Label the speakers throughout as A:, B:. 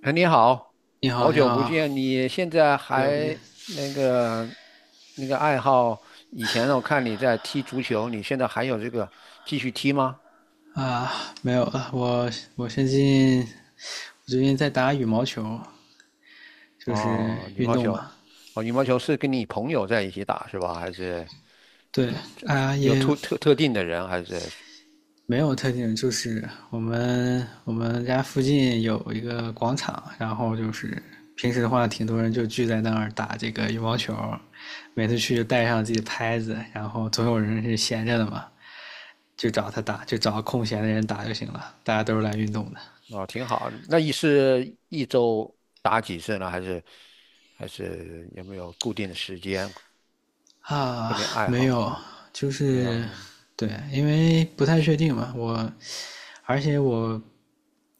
A: 哎，你好，
B: 你好，
A: 好
B: 你
A: 久不
B: 好，好
A: 见，你现在还
B: 久不见
A: 那个那个爱好？以前我看你在踢足球，你现在还有这个继续踢吗？
B: 啊！没有了，我最近我最近在打羽毛球，就是
A: 哦，羽
B: 运
A: 毛
B: 动
A: 球，
B: 嘛。
A: 哦，羽毛球是跟你朋友在一起打是吧？还是
B: 对
A: 这
B: 啊，
A: 有
B: 也
A: 特定的人？还是。
B: 没有特定，就是我们家附近有一个广场，然后就是平时的话，挺多人就聚在那儿打这个羽毛球，每次去就带上自己拍子，然后总有人是闲着的嘛，就找他打，就找空闲的人打就行了。大家都是来运动的。
A: 哦，挺好。那你是一周打几次呢？还是有没有固定的时间、固
B: 啊，
A: 定爱
B: 没
A: 好
B: 有，
A: 呢？
B: 就
A: 没
B: 是
A: 有。
B: 对，因为不太确定嘛，而且我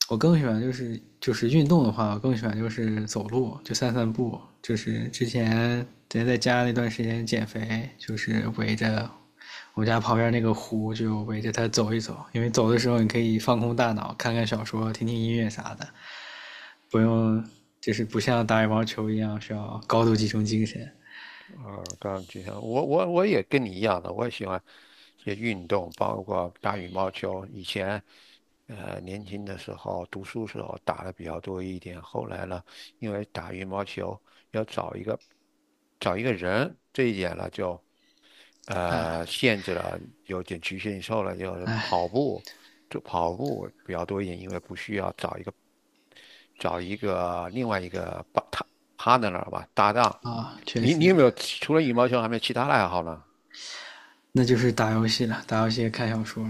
B: 我更喜欢就是运动的话，我更喜欢就是走路，就散散步，就是之前在家那段时间减肥，就是围着我们家旁边那个湖，就围着它走一走，因为走的时候你可以放空大脑，看看小说，听听音乐啥的，不用就是不像打羽毛球一样需要高度集中精神。
A: 啊，刚然吉祥我也跟你一样的，我也喜欢一些运动，包括打羽毛球。以前，年轻的时候读书时候打的比较多一点，后来呢，因为打羽毛球要找一个人，这一点呢就限制了，有点局限性了。就是跑步，就跑步比较多一点，因为不需要找一个另外一个 partner 吧搭档。
B: 啊，确
A: 你
B: 实，
A: 有没有除了羽毛球，还没有其他的爱好呢？
B: 那就是打游戏了，打游戏看小说，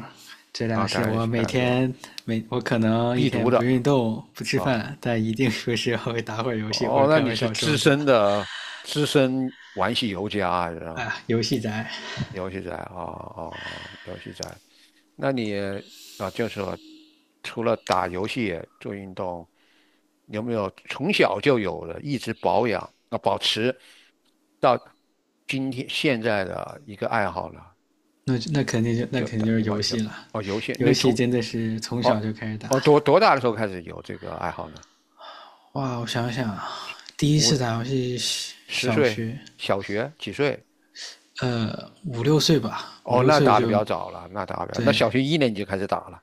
B: 这
A: 啊，
B: 俩是
A: 大家
B: 我每
A: 刚才说
B: 天。我可能一
A: 必读
B: 天不运
A: 的
B: 动不吃
A: 啊，
B: 饭，但一定说是会打会儿游戏或
A: 哦，
B: 者
A: 那
B: 看会
A: 你
B: 儿
A: 是
B: 小
A: 资
B: 说的。
A: 深的资深玩戏游家啊是吧？
B: 啊，游戏宅，
A: 游戏宅啊啊啊，游戏宅，那你啊，就是说除了打游戏做运动，有没有从小就有的一直保养啊保持到今天现在的一个爱好呢？
B: 那那肯定就那
A: 就
B: 肯定
A: 打
B: 就是
A: 羽毛
B: 游戏
A: 球。
B: 了，
A: 哦，游戏，
B: 游
A: 那
B: 戏
A: 从
B: 真的是从
A: 哦
B: 小就开始打。
A: 多大的时候开始有这个爱好呢？
B: 哇，我想想啊，第一次
A: 五
B: 打游戏
A: 十
B: 小
A: 岁，
B: 学，
A: 小学几岁？
B: 五六岁吧，五
A: 哦，
B: 六
A: 那
B: 岁
A: 打的比
B: 就
A: 较早了，那打的比较，那
B: 对。
A: 小学一年级就开始打了，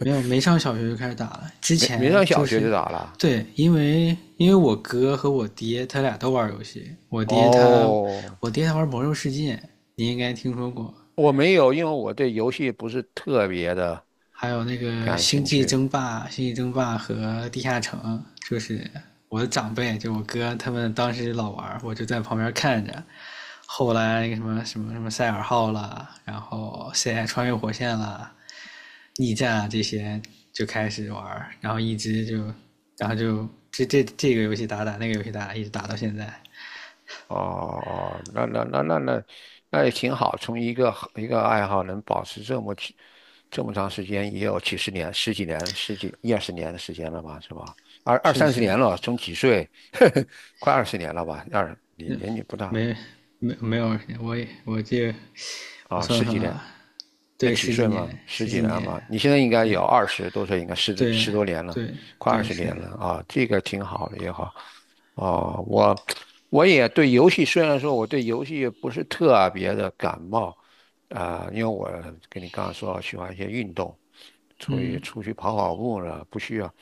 B: 没有，没上小学就开始打了。之
A: 没
B: 前
A: 上小
B: 就
A: 学
B: 是，
A: 就打了。
B: 对，因为我哥和我爹他俩都玩游戏，我爹他
A: 哦，
B: 我爹他玩《魔兽世界》，你应该听说过，
A: 我没有，因为我对游戏不是特别的
B: 还有那个
A: 感
B: 《星
A: 兴
B: 际
A: 趣。
B: 争霸》《星际争霸》和《地下城》，就是我的长辈，就我哥他们当时老玩我就在旁边看着。后来那个什么赛尔号啦，然后 CI 穿越火线啦，逆战啊这些就开始玩，然后一直就，然后就这个游戏打打，那个游戏打打，一直打到现在，
A: 哦哦，那也挺好，从一个一个爱好能保持这么久这么长时间，也有几十年、十几年、十几一二十年的时间了吧，是吧？二
B: 确
A: 三十
B: 实。
A: 年了，从几岁，快二十年了吧？你年纪不大
B: 没没有，我也我这我
A: 啊，
B: 算
A: 十
B: 算
A: 几年。
B: 啊，
A: 那
B: 对，
A: 几
B: 十几
A: 岁嘛，
B: 年，
A: 十
B: 十
A: 几
B: 几
A: 年
B: 年，
A: 嘛，你现在应该
B: 对
A: 有20多岁，应该十
B: 对
A: 十多年了，
B: 对
A: 快二
B: 对，
A: 十年
B: 是，
A: 了啊，这个挺好的也好。哦，我也对游戏，虽然说我对游戏不是特别的感冒啊、因为我跟你刚刚说了，喜欢一些运动，所以出去跑跑步呢，不需要，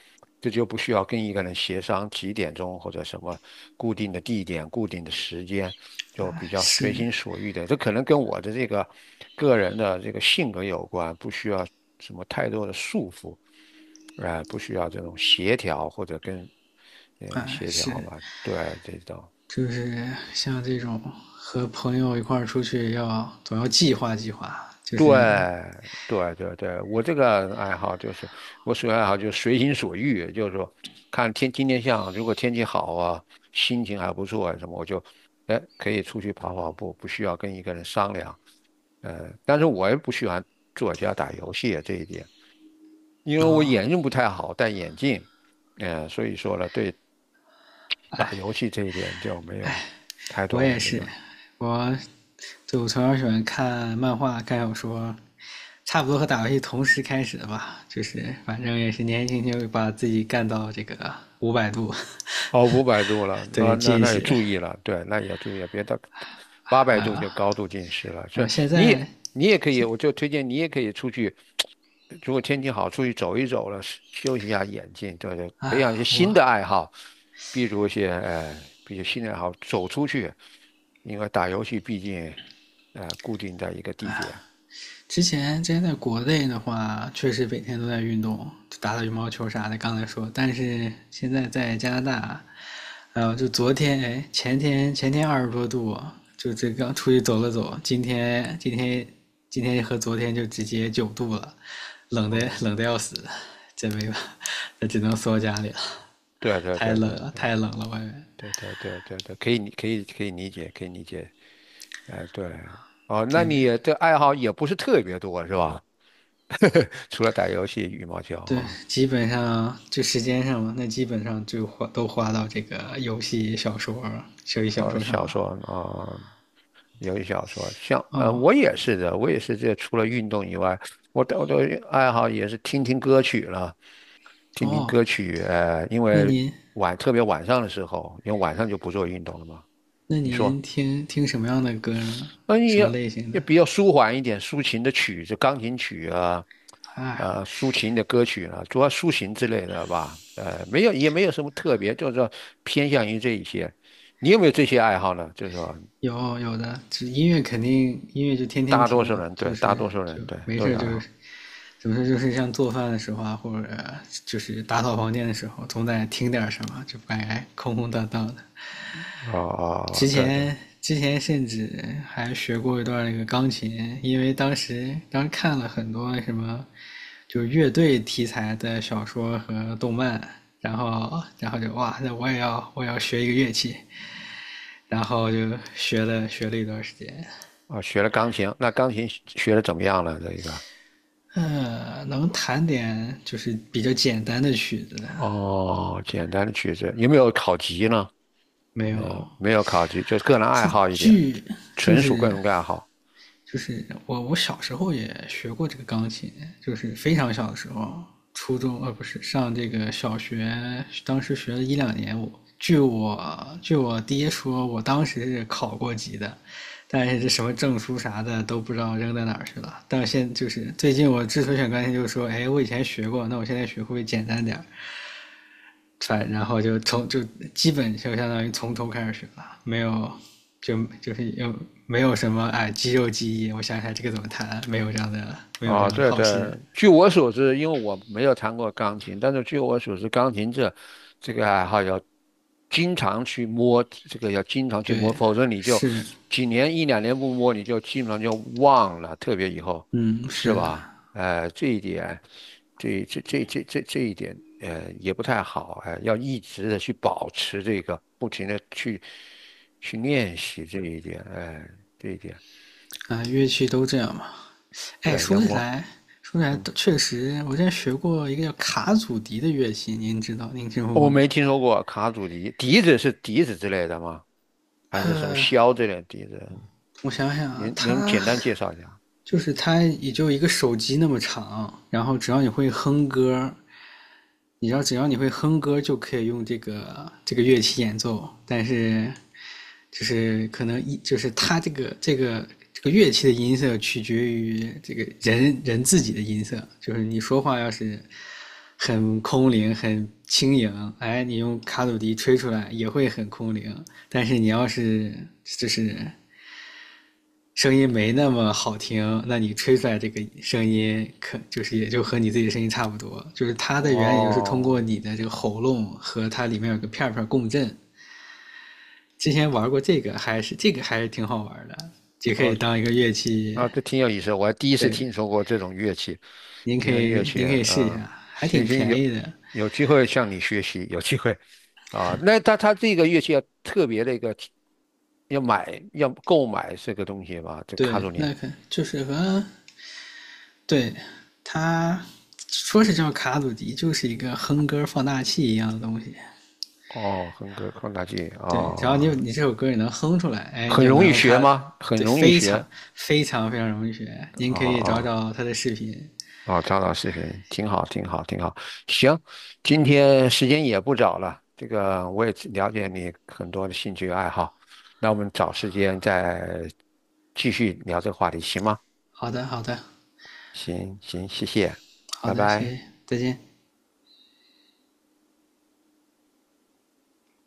A: 这就不需要跟一个人协商几点钟或者什么固定的地点、固定的时间，就比较随
B: 是
A: 心所欲的。这可能跟我的这个个人的这个性格有关，不需要什么太多的束缚，啊、不需要这种协调或者跟，
B: 啊，
A: 协调
B: 是，
A: 吧，对，这种。
B: 就是像这种和朋友一块儿出去总要计划计划，就
A: 对
B: 是。
A: 对对对，我这个爱好就是我属于爱好就是随心所欲，就是说看天今天像如果天气好啊，心情还不错啊什么，我就哎可以出去跑跑步，不需要跟一个人商量。但是我也不喜欢坐家打游戏啊这一点，因为我
B: 哦，
A: 眼睛不太好，戴眼镜，嗯、所以说呢，对打游
B: 哎，
A: 戏这一点就没有太
B: 我
A: 多的
B: 也
A: 那
B: 是
A: 个。
B: 我对，我从小喜欢看漫画、看小说，差不多和打游戏同时开始的吧。就是反正也是年轻轻就把自己干到这个五百度，
A: 哦，500度了，那
B: 对
A: 那
B: 近
A: 那也
B: 视。
A: 注意了，对，那也要注意，别到800度就高度近视了。所
B: 啊，
A: 以
B: 现
A: 你
B: 在
A: 也你也可以，我就推荐你也可以出去，如果天气好，出去走一走了，休息一下眼睛，对对，培养一些新的
B: 我
A: 爱好，比如新的爱好，走出去，因为打游戏毕竟固定在一个地点。
B: 之前在国内的话，确实每天都在运动，就打打羽毛球啥的。刚才说，但是现在在加拿大，然后就昨天，哎，前天二十多度啊，就这刚出去走了走，今天。今天和昨天就直接九度了，冷的
A: 哦，
B: 冷的要死，真没办法，那只能缩家里了，
A: 对对
B: 太
A: 对
B: 冷
A: 对
B: 了，
A: 对，
B: 太冷了，外面。
A: 对对对对对，可以理解，可以理解。哎，对，哦，
B: 这
A: 那
B: 个
A: 你的爱好也不是特别多是吧？除了打游戏、羽毛球
B: 对，
A: 啊，
B: 基本上就时间上嘛，那基本上就花都花到这个游戏、小说、手机小说上
A: 小说
B: 了。
A: 啊，游戏小说，像
B: 哦
A: 我也是的，我也是这除了运动以外，我的爱好也是听听歌曲了，听听
B: 哦，
A: 歌曲，因
B: 那
A: 为
B: 您
A: 特别晚上的时候，因为晚上就不做运动了嘛。
B: 那
A: 你
B: 您
A: 说？
B: 听听什么样的歌呢？
A: 那你
B: 什么
A: 要
B: 类型
A: 要
B: 的？
A: 比较舒缓一点，抒情的曲子，钢琴曲啊，
B: 哎呀。
A: 抒情的歌曲啊，主要抒情之类的吧。没有，也没有什么特别，就是说偏向于这一些。你有没有这些爱好呢？就是说，
B: 有的，就音乐肯定，音乐就天天听嘛，就
A: 大
B: 是
A: 多数
B: 就
A: 人对
B: 没
A: 都
B: 事
A: 有
B: 儿就
A: 爱好。
B: 是怎么说，就是像做饭的时候啊，或者就是打扫房间的时候，总得听点儿什么，就不该空空荡荡的。
A: 哦
B: 之
A: 哦，对对，
B: 前之前甚至还学过一段那个钢琴，因为当时刚看了很多什么就是乐队题材的小说和动漫，然后就哇，那我也要学一个乐器，然后就学了一段时间。
A: 哦，学了钢琴，那钢琴学的怎么样了？这一个？
B: 能弹点就是比较简单的曲子的。
A: 哦，简单的曲子，有没有考级呢？
B: 没有？
A: 没有考级，就是个人爱
B: 这
A: 好一点，
B: 剧就
A: 纯属个
B: 是。
A: 人爱好。
B: 就是我小时候也学过这个钢琴，就是非常小的时候，不是，上这个小学，当时学了一两年。我据我爹说，我当时是考过级的，但是这什么证书啥的都不知道扔在哪儿去了。但是现就是最近我之所以选钢琴，就是说，哎，我以前学过，那我现在学会不会简单点儿？然后就基本就相当于从头开始学了，没有。就就是又没有什么哎肌肉记忆，我想想这个怎么弹，没有这样的没有这
A: 啊，
B: 样的
A: 对
B: 好
A: 对，
B: 事。
A: 据我所知，因为我没有弹过钢琴，但是据我所知，钢琴这个爱好要经常去摸，这个要经常去
B: 对，
A: 摸，否则你就
B: 是，
A: 几年一两年不摸，你就基本上就忘了，特别以后，
B: 嗯，
A: 是
B: 是的，
A: 吧？这一点，这一点，也不太好，哎、要一直的去保持这个，不停的去练习这一点，哎、这一点，
B: 啊，乐器都这样嘛。哎，
A: 对，
B: 说
A: 要
B: 起
A: 摸，
B: 来说起来，
A: 嗯。
B: 确实我之前学过一个叫卡祖笛的乐器，您知道，您听说过
A: 我
B: 吗？
A: 没听说过卡祖笛，笛子是笛子之类的吗？还是什么
B: 呃，
A: 箫之类的笛子？
B: 我想想啊，
A: 您能
B: 它。
A: 简单介绍一下？
B: 就是它也就一个手机那么长，然后只要你会哼歌，你知道，只要你会哼歌，就可以用这个乐器演奏。但是，就是可能就是它这个乐器的音色取决于这个人自己的音色。就是你说话要是很空灵、很轻盈，哎，你用卡鲁笛吹出来也会很空灵。但是你要是就是声音没那么好听，那你吹出来这个声音，可就是也就和你自己的声音差不多。就是它的原理就是通过
A: 哦，
B: 你的这个喉咙和它里面有个片片共振。之前玩过这个，还是这个还是挺好玩的，也可
A: 哦，
B: 以当一个乐器。
A: 啊，这挺有意思，我还第一次
B: 对，
A: 听说过这种乐器，
B: 您
A: 听
B: 可
A: 说乐
B: 以
A: 器
B: 您可
A: 啊，
B: 以试一下，还
A: 行
B: 挺
A: 行，
B: 便
A: 有
B: 宜的。
A: 有机会向你学习，有机会啊。那他这个乐器要特别的一个，要购买这个东西吧，这卡
B: 对，
A: 祖笛。
B: 那可就是和对，它说是叫卡祖笛，就是一个哼歌放大器一样的东西。
A: 哦，横膈扩大器
B: 对，只要你
A: 哦，
B: 你这首歌你能哼出来，哎，你
A: 很
B: 就
A: 容
B: 能
A: 易
B: 用
A: 学
B: 它，
A: 吗？很
B: 对，
A: 容易
B: 非
A: 学
B: 常非常非常容易学。
A: 哦
B: 您可以找
A: 哦
B: 找他的视频。
A: 哦，张老师，频，挺好，挺好，挺好。行，今天时间也不早了，这个我也了解你很多的兴趣爱好，那我们找时间再继续聊这个话题，行吗？
B: 好的，好的，
A: 行行，谢谢，
B: 好
A: 拜
B: 的，谢
A: 拜。
B: 谢，再见。